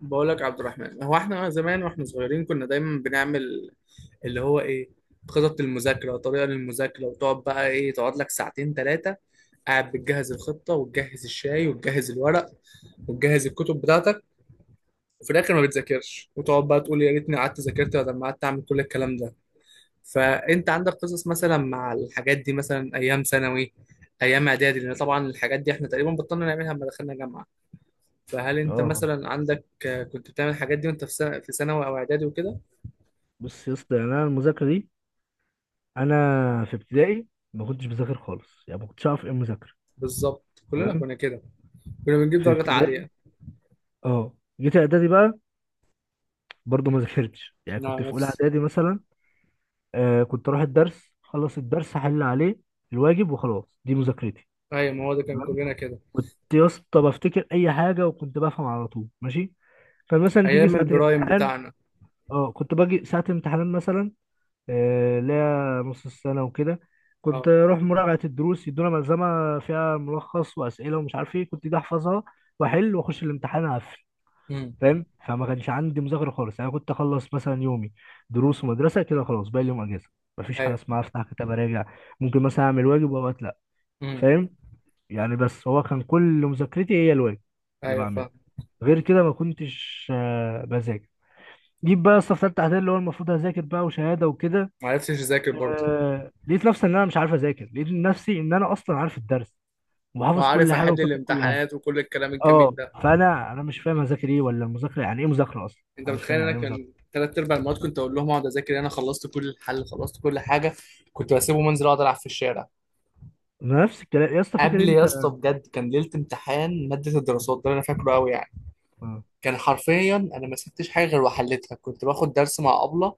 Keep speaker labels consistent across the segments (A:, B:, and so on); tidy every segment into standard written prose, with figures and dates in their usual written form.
A: بقول لك عبد الرحمن، هو احنا زمان واحنا صغيرين كنا دايما بنعمل اللي هو ايه خطط المذاكره، طريقه للمذاكره، وتقعد بقى تقعد لك ساعتين ثلاثه قاعد بتجهز الخطه وتجهز الشاي وتجهز الورق وتجهز الكتب بتاعتك، وفي الاخر ما بتذاكرش وتقعد بقى تقول يا ريتني قعدت ذاكرت بدل ما قعدت اعمل كل الكلام ده. فانت عندك قصص مثلا مع الحاجات دي، مثلا ايام ثانوي، ايام اعدادي، لان طبعا الحاجات دي احنا تقريبا بطلنا نعملها لما دخلنا جامعه. فهل انت
B: اه
A: مثلا عندك كنت بتعمل الحاجات دي وانت في سنة في ثانوي او اعدادي وكده؟
B: بص يا اسطى يعني انا المذاكره دي انا في ابتدائي ما كنتش بذاكر خالص، يعني ما كنتش اعرف ايه المذاكره.
A: بالظبط كلنا
B: تمام،
A: كنا كده. كنا بنجيب
B: في
A: درجات
B: ابتدائي
A: عالية.
B: اه. جيت اعدادي بقى، برضه ما ذاكرتش، يعني كنت
A: نعم
B: في اولى
A: نفس.
B: اعدادي مثلا. آه، كنت اروح الدرس، خلص الدرس احل عليه الواجب وخلاص، دي مذاكرتي.
A: ايوه ما هو ده كان
B: تمام.
A: كلنا كده.
B: كنت يا اسطى بفتكر اي حاجه وكنت بفهم على طول ماشي. فمثلا تيجي
A: ايام
B: ساعه
A: البرايم
B: الامتحان،
A: بتاعنا.
B: اه كنت باجي ساعه الامتحان مثلا، لا نص السنة وكده، كنت
A: اه.
B: أروح مراجعة الدروس، يدونا ملزمة فيها ملخص وأسئلة ومش عارف إيه، كنت دي أحفظها وأحل وأخش الامتحان أقفل.
A: امم.
B: فاهم؟ فما كانش عندي مذاكرة خالص. أنا كنت أخلص مثلا يومي دروس ومدرسة كده خلاص، باقي اليوم أجازة. مفيش حاجة
A: ايوه.
B: اسمها أفتح كتاب أراجع. ممكن مثلا أعمل واجب وأوقات لأ.
A: امم.
B: فاهم؟ يعني بس هو كان كل مذاكرتي هي الواجب اللي
A: ايوه
B: بعمله،
A: فاهم.
B: غير كده ما كنتش بذاكر. جيب بقى يا اسطى في تالتة إعدادي اللي هو المفروض هذاكر بقى وشهادة وكده،
A: ما عرفتش اذاكر برضه.
B: لقيت نفسي ان انا مش عارف اذاكر. لقيت نفسي ان انا اصلا عارف الدرس وحافظ كل
A: وعارف
B: حاجه
A: احل
B: وفاكر كل حاجه.
A: الامتحانات وكل الكلام الجميل
B: اه.
A: ده.
B: فانا مش فاهم اذاكر ايه ولا المذاكره يعني ايه. مذاكره اصلا
A: انت
B: انا مش فاهم
A: متخيل انا
B: يعني ايه مذاكره.
A: كان ثلاث ارباع المواد كنت اقول لهم اقعد اذاكر، انا خلصت كل الحل خلصت كل حاجه، كنت بسيبه منزل اقعد العب في الشارع.
B: أنا نفس الكلام يا اسطى، فاكر
A: قبل يا
B: انت؟
A: اسطى بجد، كان ليله امتحان ماده الدراسات ده اللي انا فاكره قوي يعني،
B: اه.
A: كان حرفيا انا ما سبتش حاجه غير وحلتها. كنت باخد درس مع ابله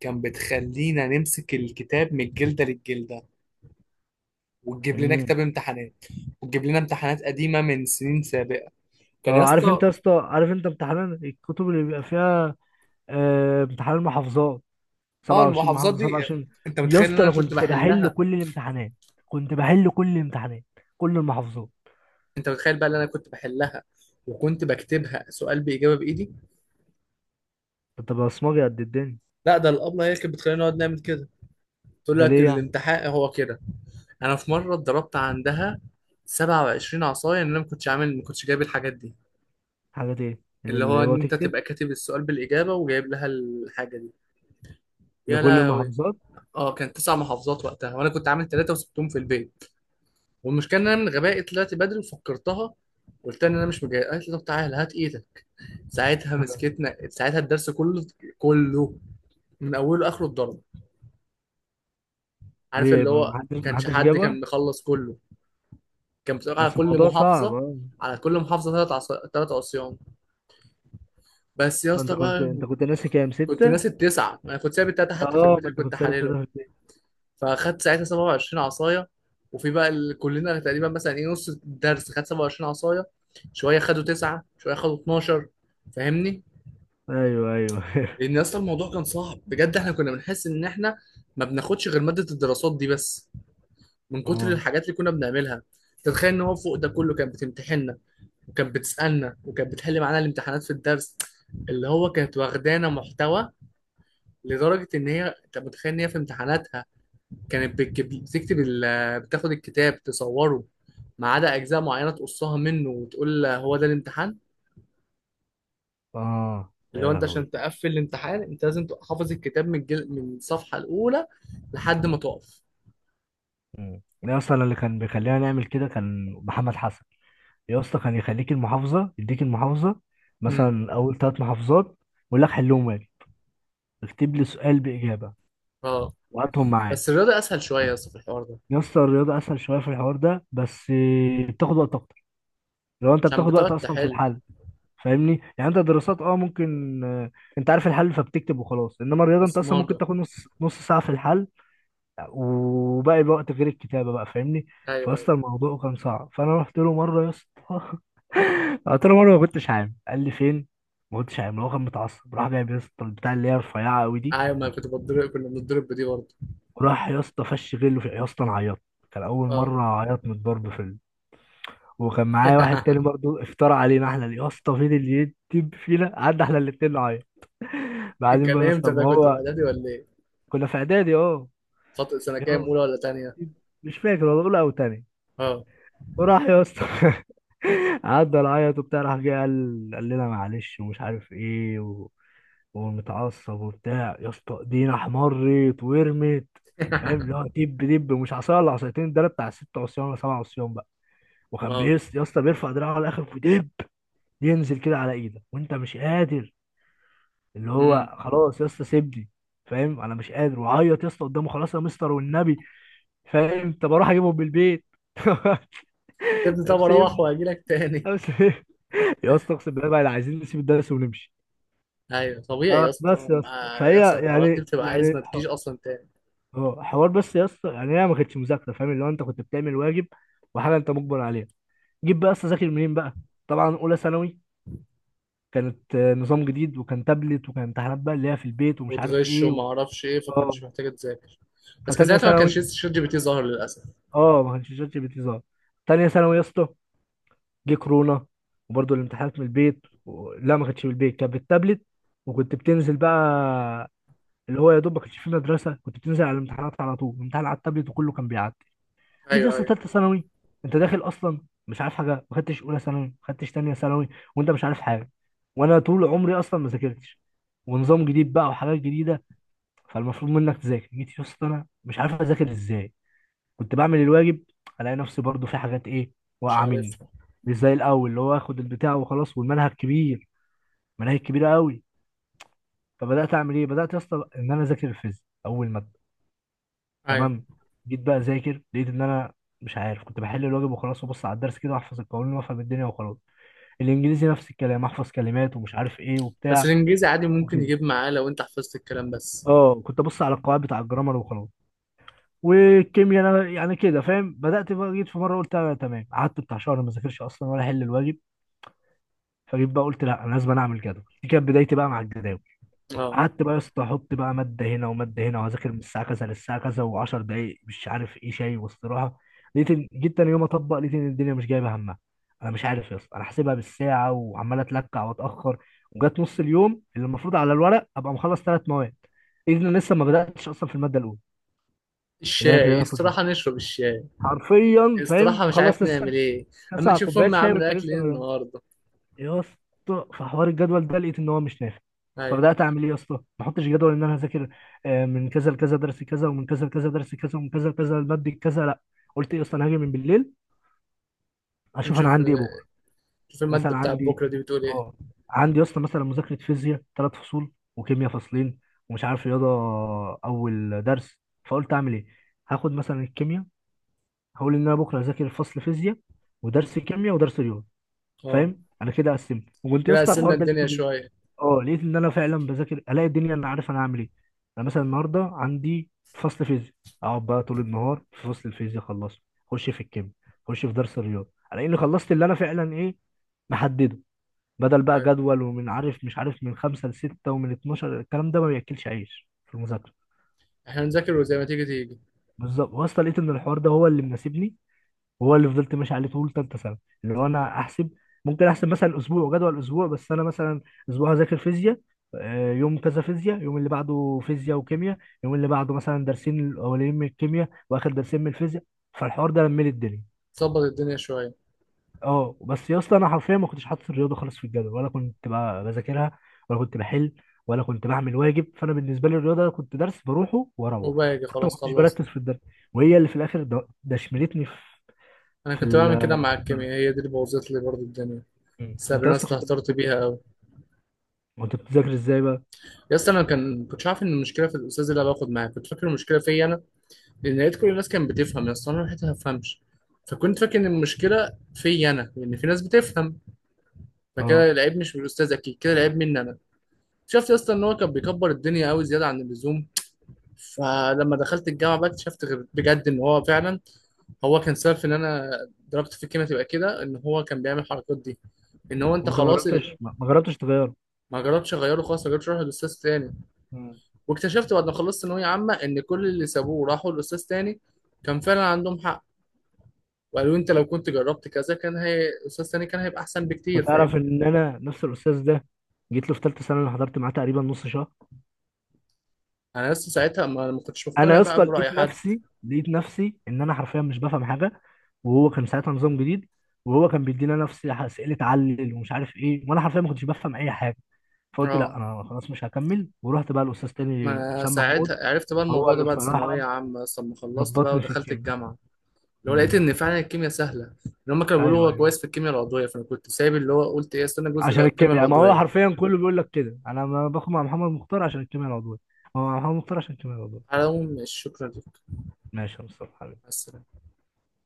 A: كان بتخلينا نمسك الكتاب من الجلده للجلده، وتجيب لنا
B: مم.
A: كتاب امتحانات، وتجيب لنا امتحانات قديمه من سنين سابقه كان يا
B: آه، عارف انت يا
A: اسطى.
B: اسطى؟ عارف انت امتحان الكتب اللي بيبقى فيها، آه، امتحان المحافظات؟
A: اه
B: 27
A: المحافظات
B: محافظه،
A: دي،
B: 27.
A: انت
B: يا
A: متخيل ان
B: اسطى
A: انا
B: انا
A: كنت
B: كنت بحل
A: بحلها؟
B: كل الامتحانات، كنت بحل كل الامتحانات، كل المحافظات.
A: انت متخيل بقى ان انا كنت بحلها وكنت بكتبها سؤال باجابه بايدي.
B: كنت بصمجي قد الدنيا.
A: لا، ده الابله هي اللي كانت بتخلينا نقعد نعمل كده، تقول
B: ده
A: لك
B: ليه يعني؟
A: الامتحان هو كده. انا في مره اتضربت عندها 27 عصايه ان انا ما كنتش عامل، ما كنتش جايب الحاجات دي.
B: حاجه ايه
A: اللي هو
B: اللي هو
A: ان انت
B: تكتب
A: تبقى كاتب السؤال بالاجابه وجايب لها الحاجه دي. يا
B: لكل
A: لهوي.
B: المحافظات؟
A: اه كان تسع محافظات وقتها، وانا كنت عامل ثلاثه وسبتهم في البيت. والمشكله ان انا من غبائي طلعت بدري وفكرتها، قلت لها ان انا مش مجهز، قالت لي طب تعالى هات ايدك. ساعتها مسكتنا، ساعتها الدرس كله. كله من اوله لاخره اتضرب. عارف
B: ليه
A: اللي
B: ما
A: هو
B: ما حدش
A: ما
B: ما
A: كانش
B: حدش
A: حد
B: جابها؟
A: كان مخلص كله. كان بتبقى على
B: بس
A: كل
B: الموضوع صعب،
A: محافظه،
B: اه.
A: على كل محافظه ثلاث عصيان. بس يا
B: فانت
A: اسطى
B: كنت
A: بقى،
B: انت كنت ناسي كام؟
A: كنت
B: ستة؟
A: ناسي التسعه، انا كنت سايب التلاته حتى في
B: اه،
A: البيت
B: ما
A: اللي
B: انت
A: كنت
B: كنت سابت
A: حالله.
B: تلاتة في البيت.
A: فاخدت ساعتها 27 عصايه، كلنا تقريبا مثلا نص الدرس خد 27 عصايه، شويه خدوا تسعه، شويه خدوا 12. فاهمني؟
B: ايوه ايوه.
A: لان اصلا الموضوع كان صعب بجد، احنا كنا بنحس ان احنا ما بناخدش غير ماده الدراسات دي بس من كتر
B: اه
A: الحاجات اللي كنا بنعملها. تتخيل ان هو فوق ده كله كانت بتمتحننا وكانت بتسالنا، وكانت بتحل معانا الامتحانات في الدرس، اللي هو كانت واخدانا محتوى. لدرجه ان هي انت متخيل ان هي في امتحاناتها كانت بتاخد الكتاب تصوره ما عدا اجزاء معينه تقصها منه وتقول هو ده الامتحان.
B: اه،
A: اللي
B: يا
A: هو انت
B: لهوي.
A: عشان تقفل الامتحان انت لازم تبقى حافظ الكتاب من الصفحه الاولى لحد ما تقف.
B: مم. انا اصلا اللي كان بيخلينا نعمل كده كان محمد حسن. يا اسطى كان يخليك المحافظة، يديك المحافظة
A: امم.
B: مثلا اول ثلاث محافظات، ويقول لك حلهم واجب، اكتب لي سؤال بإجابة
A: اه
B: وهاتهم معايا.
A: بس الرياضه اسهل شويه بس في الحوار ده.
B: يا اسطى الرياضة اسهل شوية في الحوار ده بس، بتاخد وقت اكتر. لو انت
A: عشان
B: بتاخد وقت
A: بتقعد
B: اصلا في
A: تحل.
B: الحل. فاهمني؟ يعني انت دراسات اه ممكن، انت عارف الحل فبتكتب وخلاص. انما الرياضه انت اصلا ممكن
A: بصمجه.
B: تاخد نص ساعه في الحل، وباقي الوقت غير الكتابه بقى. فاهمني؟
A: ايوه ايوه.
B: فاصلا الموضوع كان صعب. فانا رحت له مره يا اسطى، قلت له مره ما كنتش عام، قال لي فين؟ ما كنتش عام. هو كان متعصب، راح جايب يا اسطى البتاع اللي هي رفيعه قوي دي،
A: ايوه ما كنت بتضرب، كنا بنضرب بدي برضه.
B: وراح يا اسطى فش غله في. يا اسطى انا عيطت، كان اول
A: اه.
B: مره اعيط من الضرب في ال... وكان معايا واحد تاني برضه، افترى علينا احنا يا اسطى، فين اللي يكتب فينا، قعدنا احنا الاتنين نعيط. بعدين بقى يا
A: كان
B: اسطى
A: امتى ده،
B: ما
A: كنت في
B: هو،
A: اعدادي ولا ايه؟
B: كنا في اعدادي اه.
A: فتره سنه
B: يا
A: كام،
B: اسطى،
A: اولى ولا تانيه؟
B: مش فاكر والله اولى او تاني.
A: اه.
B: وراح يا اسطى، عدى العيط وبتاع، راح جه قال لنا معلش ومش عارف ايه و... ومتعصب وبتاع. يا اسطى ايدينا احمرت ورمت. فاهم؟ اللي هو دب، دب، مش عصايه ولا عصايتين، ده أنا بتاع ست عصيان ولا سبع عصيان بقى. وكان
A: اه.
B: بيس يا اسطى بيرفع دراعه على الاخر ودب ينزل كده على ايدك وانت مش قادر. اللي
A: امم.
B: هو خلاص يا اسطى سيبني. فاهم؟ انا مش قادر وعيط يا اسطى قدامه. خلاص يا مستر والنبي، فاهم؟ طب اروح اجيبهم من البيت.
A: سيبني،
B: طب
A: طب اروح
B: سيبني،
A: واجي لك تاني.
B: طب سيبني. يا اسطى اقسم بالله بقى عايزين نسيب الدرس ونمشي.
A: ايوه طبيعي يا اسطى،
B: بس يا اسطى
A: لما
B: فهي
A: بيحصل الحوارات دي
B: يعني
A: بتبقى
B: يعني
A: عايز ما
B: ح-
A: تجيش اصلا تاني.
B: اه حوار. بس يا اسطى يعني هي ما كانتش مذاكره، فاهم؟ اللي هو انت كنت بتعمل واجب وحاجه انت مجبر عليها. جيب بقى يا اسطى، ذاكر منين بقى؟ طبعا اولى ثانوي كانت، آه، نظام جديد وكان تابلت وكان امتحانات بقى اللي هي في البيت ومش عارف
A: وتغش
B: ايه و...
A: وما اعرفش ايه،
B: اه.
A: فكنتش محتاجه تذاكر. بس كان
B: فتانية
A: ساعتها ما كانش
B: ثانوي،
A: شات جي بي تي ظهر للاسف.
B: اه، ما كانش شات جي بي تي ظهر. تانية ثانوي يا اسطى جه كورونا، وبرضه الامتحانات من البيت و... لا ما كانتش من البيت، كانت بالتابلت. وكنت بتنزل بقى، اللي هو يا دوب ما كانش في مدرسه، كنت بتنزل على الامتحانات على طول، الامتحان على التابلت وكله كان بيعدي. جيت يا
A: ايوه
B: اسطى
A: ايوه.
B: ثالثه ثانوي، انت داخل اصلا مش عارف حاجه، ما خدتش اولى ثانوي، ما خدتش ثانيه ثانوي، وانت مش عارف حاجه، وانا طول عمري اصلا ما ذاكرتش، ونظام جديد بقى وحاجات جديده، فالمفروض منك تذاكر. جيت يا اسطى انا مش عارف اذاكر ازاي. كنت بعمل الواجب، الاقي نفسي برضو في حاجات ايه،
A: مش
B: واقعه مني،
A: عارفها.
B: مش زي الاول اللي هو اخد البتاع وخلاص، والمنهج كبير، مناهج كبيره قوي. فبدات اعمل ايه؟ بدات يا اسطى ان انا اذاكر الفيزياء اول ماده.
A: ايوه.
B: تمام. جيت بقى اذاكر، لقيت ان انا مش عارف. كنت بحل الواجب وخلاص وبص على الدرس كده واحفظ القوانين وافهم الدنيا وخلاص. الانجليزي نفس الكلام، احفظ كلمات ومش عارف ايه
A: بس
B: وبتاع
A: الانجليزي عادي ممكن
B: وكده.
A: يجيب معاه لو انت حفظت الكلام بس.
B: اه كنت ابص على القواعد بتاع الجرامر وخلاص. والكيمياء انا يعني كده فاهم. بدات بقى، جيت في مره قلت انا تمام، قعدت بتاع شهر ما ذاكرش اصلا ولا احل الواجب. فجيت بقى قلت لا، انا لازم اعمل جدول. دي كانت بدايتي بقى مع الجداول.
A: اه.
B: قعدت بقى يا اسطى احط بقى ماده هنا وماده هنا وهذاكر من الساعه كذا للساعه كذا و10 دقائق مش عارف ايه، شاي واستراحه. جيت تاني يوم اطبق، لقيت ان الدنيا مش جايبه همها. انا مش عارف يا اسطى، انا حاسبها بالساعه وعمال اتلكع واتاخر، وجات نص اليوم اللي المفروض على الورق ابقى مخلص ثلاث مواد، اذن لسه ما بداتش اصلا في الماده الاولى اللي انا كده
A: الشاي
B: المفروض
A: استراحه نشرب الشاي.
B: حرفيا، فاهم؟
A: استراحه مش
B: تخلص
A: عارف
B: لسه
A: نعمل ايه. اما
B: تسع
A: نشوف
B: كوبايات
A: امي
B: شاي
A: عامله
B: وانت
A: اكل
B: لسه.
A: ايه النهارده.
B: يا اسطى في حوار الجدول ده لقيت ان هو مش نافع.
A: ايوه.
B: فبدات اعمل ايه يا اسطى؟ ما احطش جدول ان انا هذاكر، من كذا لكذا درس كذا، ومن كذا لكذا درس كذا، ومن كذا لكذا الماده كذا. لا، قلت ايه يا اسطى؟ انا هاجي من بالليل اشوف انا
A: نشوف
B: عندي ايه
A: إيه.
B: بكره.
A: نشوف الماده
B: مثلا
A: بتاعت
B: عندي،
A: بكره دي بتقول ايه.
B: اه عندي يا اسطى مثلا مذاكره فيزياء ثلاث فصول، وكيمياء فصلين، ومش عارف رياضه اول درس. فقلت اعمل ايه؟ هاخد مثلا الكيمياء، هقول ان انا بكره هذاكر فصل فيزياء ودرس كيمياء ودرس رياضه.
A: اه.
B: فاهم؟ انا كده قسمت، وكنت يا
A: كده
B: اسطى
A: قسمنا
B: الحوار ده
A: الدنيا
B: لقيته بيه.
A: شويه.
B: اه لقيت ان انا فعلا بذاكر، الاقي الدنيا انا عارف انا هعمل ايه. انا مثلا النهارده عندي فصل فيزياء، اقعد بقى طول النهار في فصل الفيزياء اخلصه، اخش في الكيمياء، اخش في درس الرياضه، الاقي اني خلصت اللي انا فعلا ايه، محدده. بدل بقى
A: ايوه
B: جدول ومن عارف مش عارف من خمسة لستة ومن 12، الكلام ده ما بياكلش عيش في المذاكره.
A: احنا نذاكر وزي ما تيجي تيجي.
B: بالظبط، واصلا لقيت ان الحوار ده هو اللي مناسبني، وهو اللي فضلت ماشي عليه طول ثالثه سنه. اللي هو انا احسب، ممكن احسب مثلا اسبوع جدول اسبوع، بس انا مثلا اسبوع هذاكر فيزياء، آه، يوم كذا فيزياء، يوم اللي بعده فيزياء وكيمياء، يوم اللي بعده مثلا درسين الاولين من الكيمياء واخر درسين من الفيزياء. فالحوار ده لملي الدنيا.
A: ظبط الدنيا شويه.
B: اه بس يا اسطى انا حرفيا ما كنتش حاطط الرياضه خالص في الجدول، ولا كنت بقى بذاكرها، ولا كنت بحل، ولا كنت بعمل واجب. فانا بالنسبه لي الرياضه كنت درس بروحه، واروح
A: وباجي
B: حتى ما
A: خلاص
B: كنتش
A: خلصت.
B: بركز في الدرس، وهي اللي في الاخر دشملتني
A: انا
B: في
A: كنت بعمل كده مع
B: في الدرجه.
A: الكيمياء، هي دي اللي بوظت لي برضه الدنيا.
B: مم.
A: بس
B: انت
A: انا
B: اصلا كنت،
A: استهترت بيها قوي.
B: كنت بتذاكر ازاي بقى؟
A: يا اسطى انا كان كنتش عارف ان المشكله في الاستاذ اللي انا باخد معاه، كنت فاكر المشكله فيا انا. لان لقيت كل الناس كانت بتفهم يا اسطى، انا لحقت ما افهمش. فكنت فاكر ان المشكله فيا انا لان في ناس بتفهم،
B: اه.
A: فكده العيب مش من الاستاذ، اكيد كده العيب مني انا. شفت يا اسطى ان هو كان بيكبر الدنيا قوي زياده عن اللزوم. فلما دخلت الجامعه بقى اكتشفت بجد ان هو فعلا هو كان سبب في ان انا ضربت في الكيمياء. تبقى كده ان هو كان بيعمل الحركات دي، ان هو انت
B: وانت ما
A: خلاص.
B: جربتش، ما جربتش تغيره؟
A: ما جربتش اغيره، خلاص ما جربتش اروح لاستاذ تاني.
B: مم.
A: واكتشفت بعد ما خلصت ثانويه عامه ان كل اللي سابوه راحوا لاستاذ تاني كان فعلا عندهم حق. وقالوا انت لو كنت جربت كذا كان هي استاذ تاني كان هيبقى احسن
B: انت
A: بكتير فاهم.
B: تعرف ان انا نفس الاستاذ ده جيت له في ثالثه سنه، انا حضرت معاه تقريبا نص شهر.
A: انا لسه ساعتها ما كنتش
B: انا
A: مقتنع
B: يا اسطى
A: بقى براي
B: لقيت
A: حد.
B: نفسي، ان انا حرفيا مش بفهم حاجه. وهو كان ساعتها نظام جديد، وهو كان بيدينا نفس اسئله علل ومش عارف ايه، وانا حرفيا ما كنتش بفهم اي حاجه. فقلت لا،
A: اه
B: انا خلاص مش هكمل. ورحت بقى الاستاذ تاني
A: ما
B: حسام محمود،
A: ساعتها عرفت بقى
B: هو
A: الموضوع ده
B: اللي
A: بعد ثانويه
B: بصراحه
A: عامه اصلا ما خلصت بقى
B: ظبطني في
A: ودخلت
B: الكيمياء.
A: الجامعه. لو لقيت
B: مم.
A: ان فعلا الكيمياء سهله ان هم كانوا بيقولوا
B: ايوه
A: هو
B: ايوه،
A: كويس في الكيمياء العضويه، فانا كنت سايب اللي هو قلت ايه استنى جزء
B: عشان
A: الكيمياء
B: الكيمياء ما هو
A: العضويه.
B: حرفيا كله بيقول لك كده، انا ما باخد مع محمد مختار عشان الكيمياء العضويه، هو مع محمد مختار عشان الكيمياء العضويه.
A: على العموم مش شكرا لك.
B: ماشي يا مصطفى.
A: بس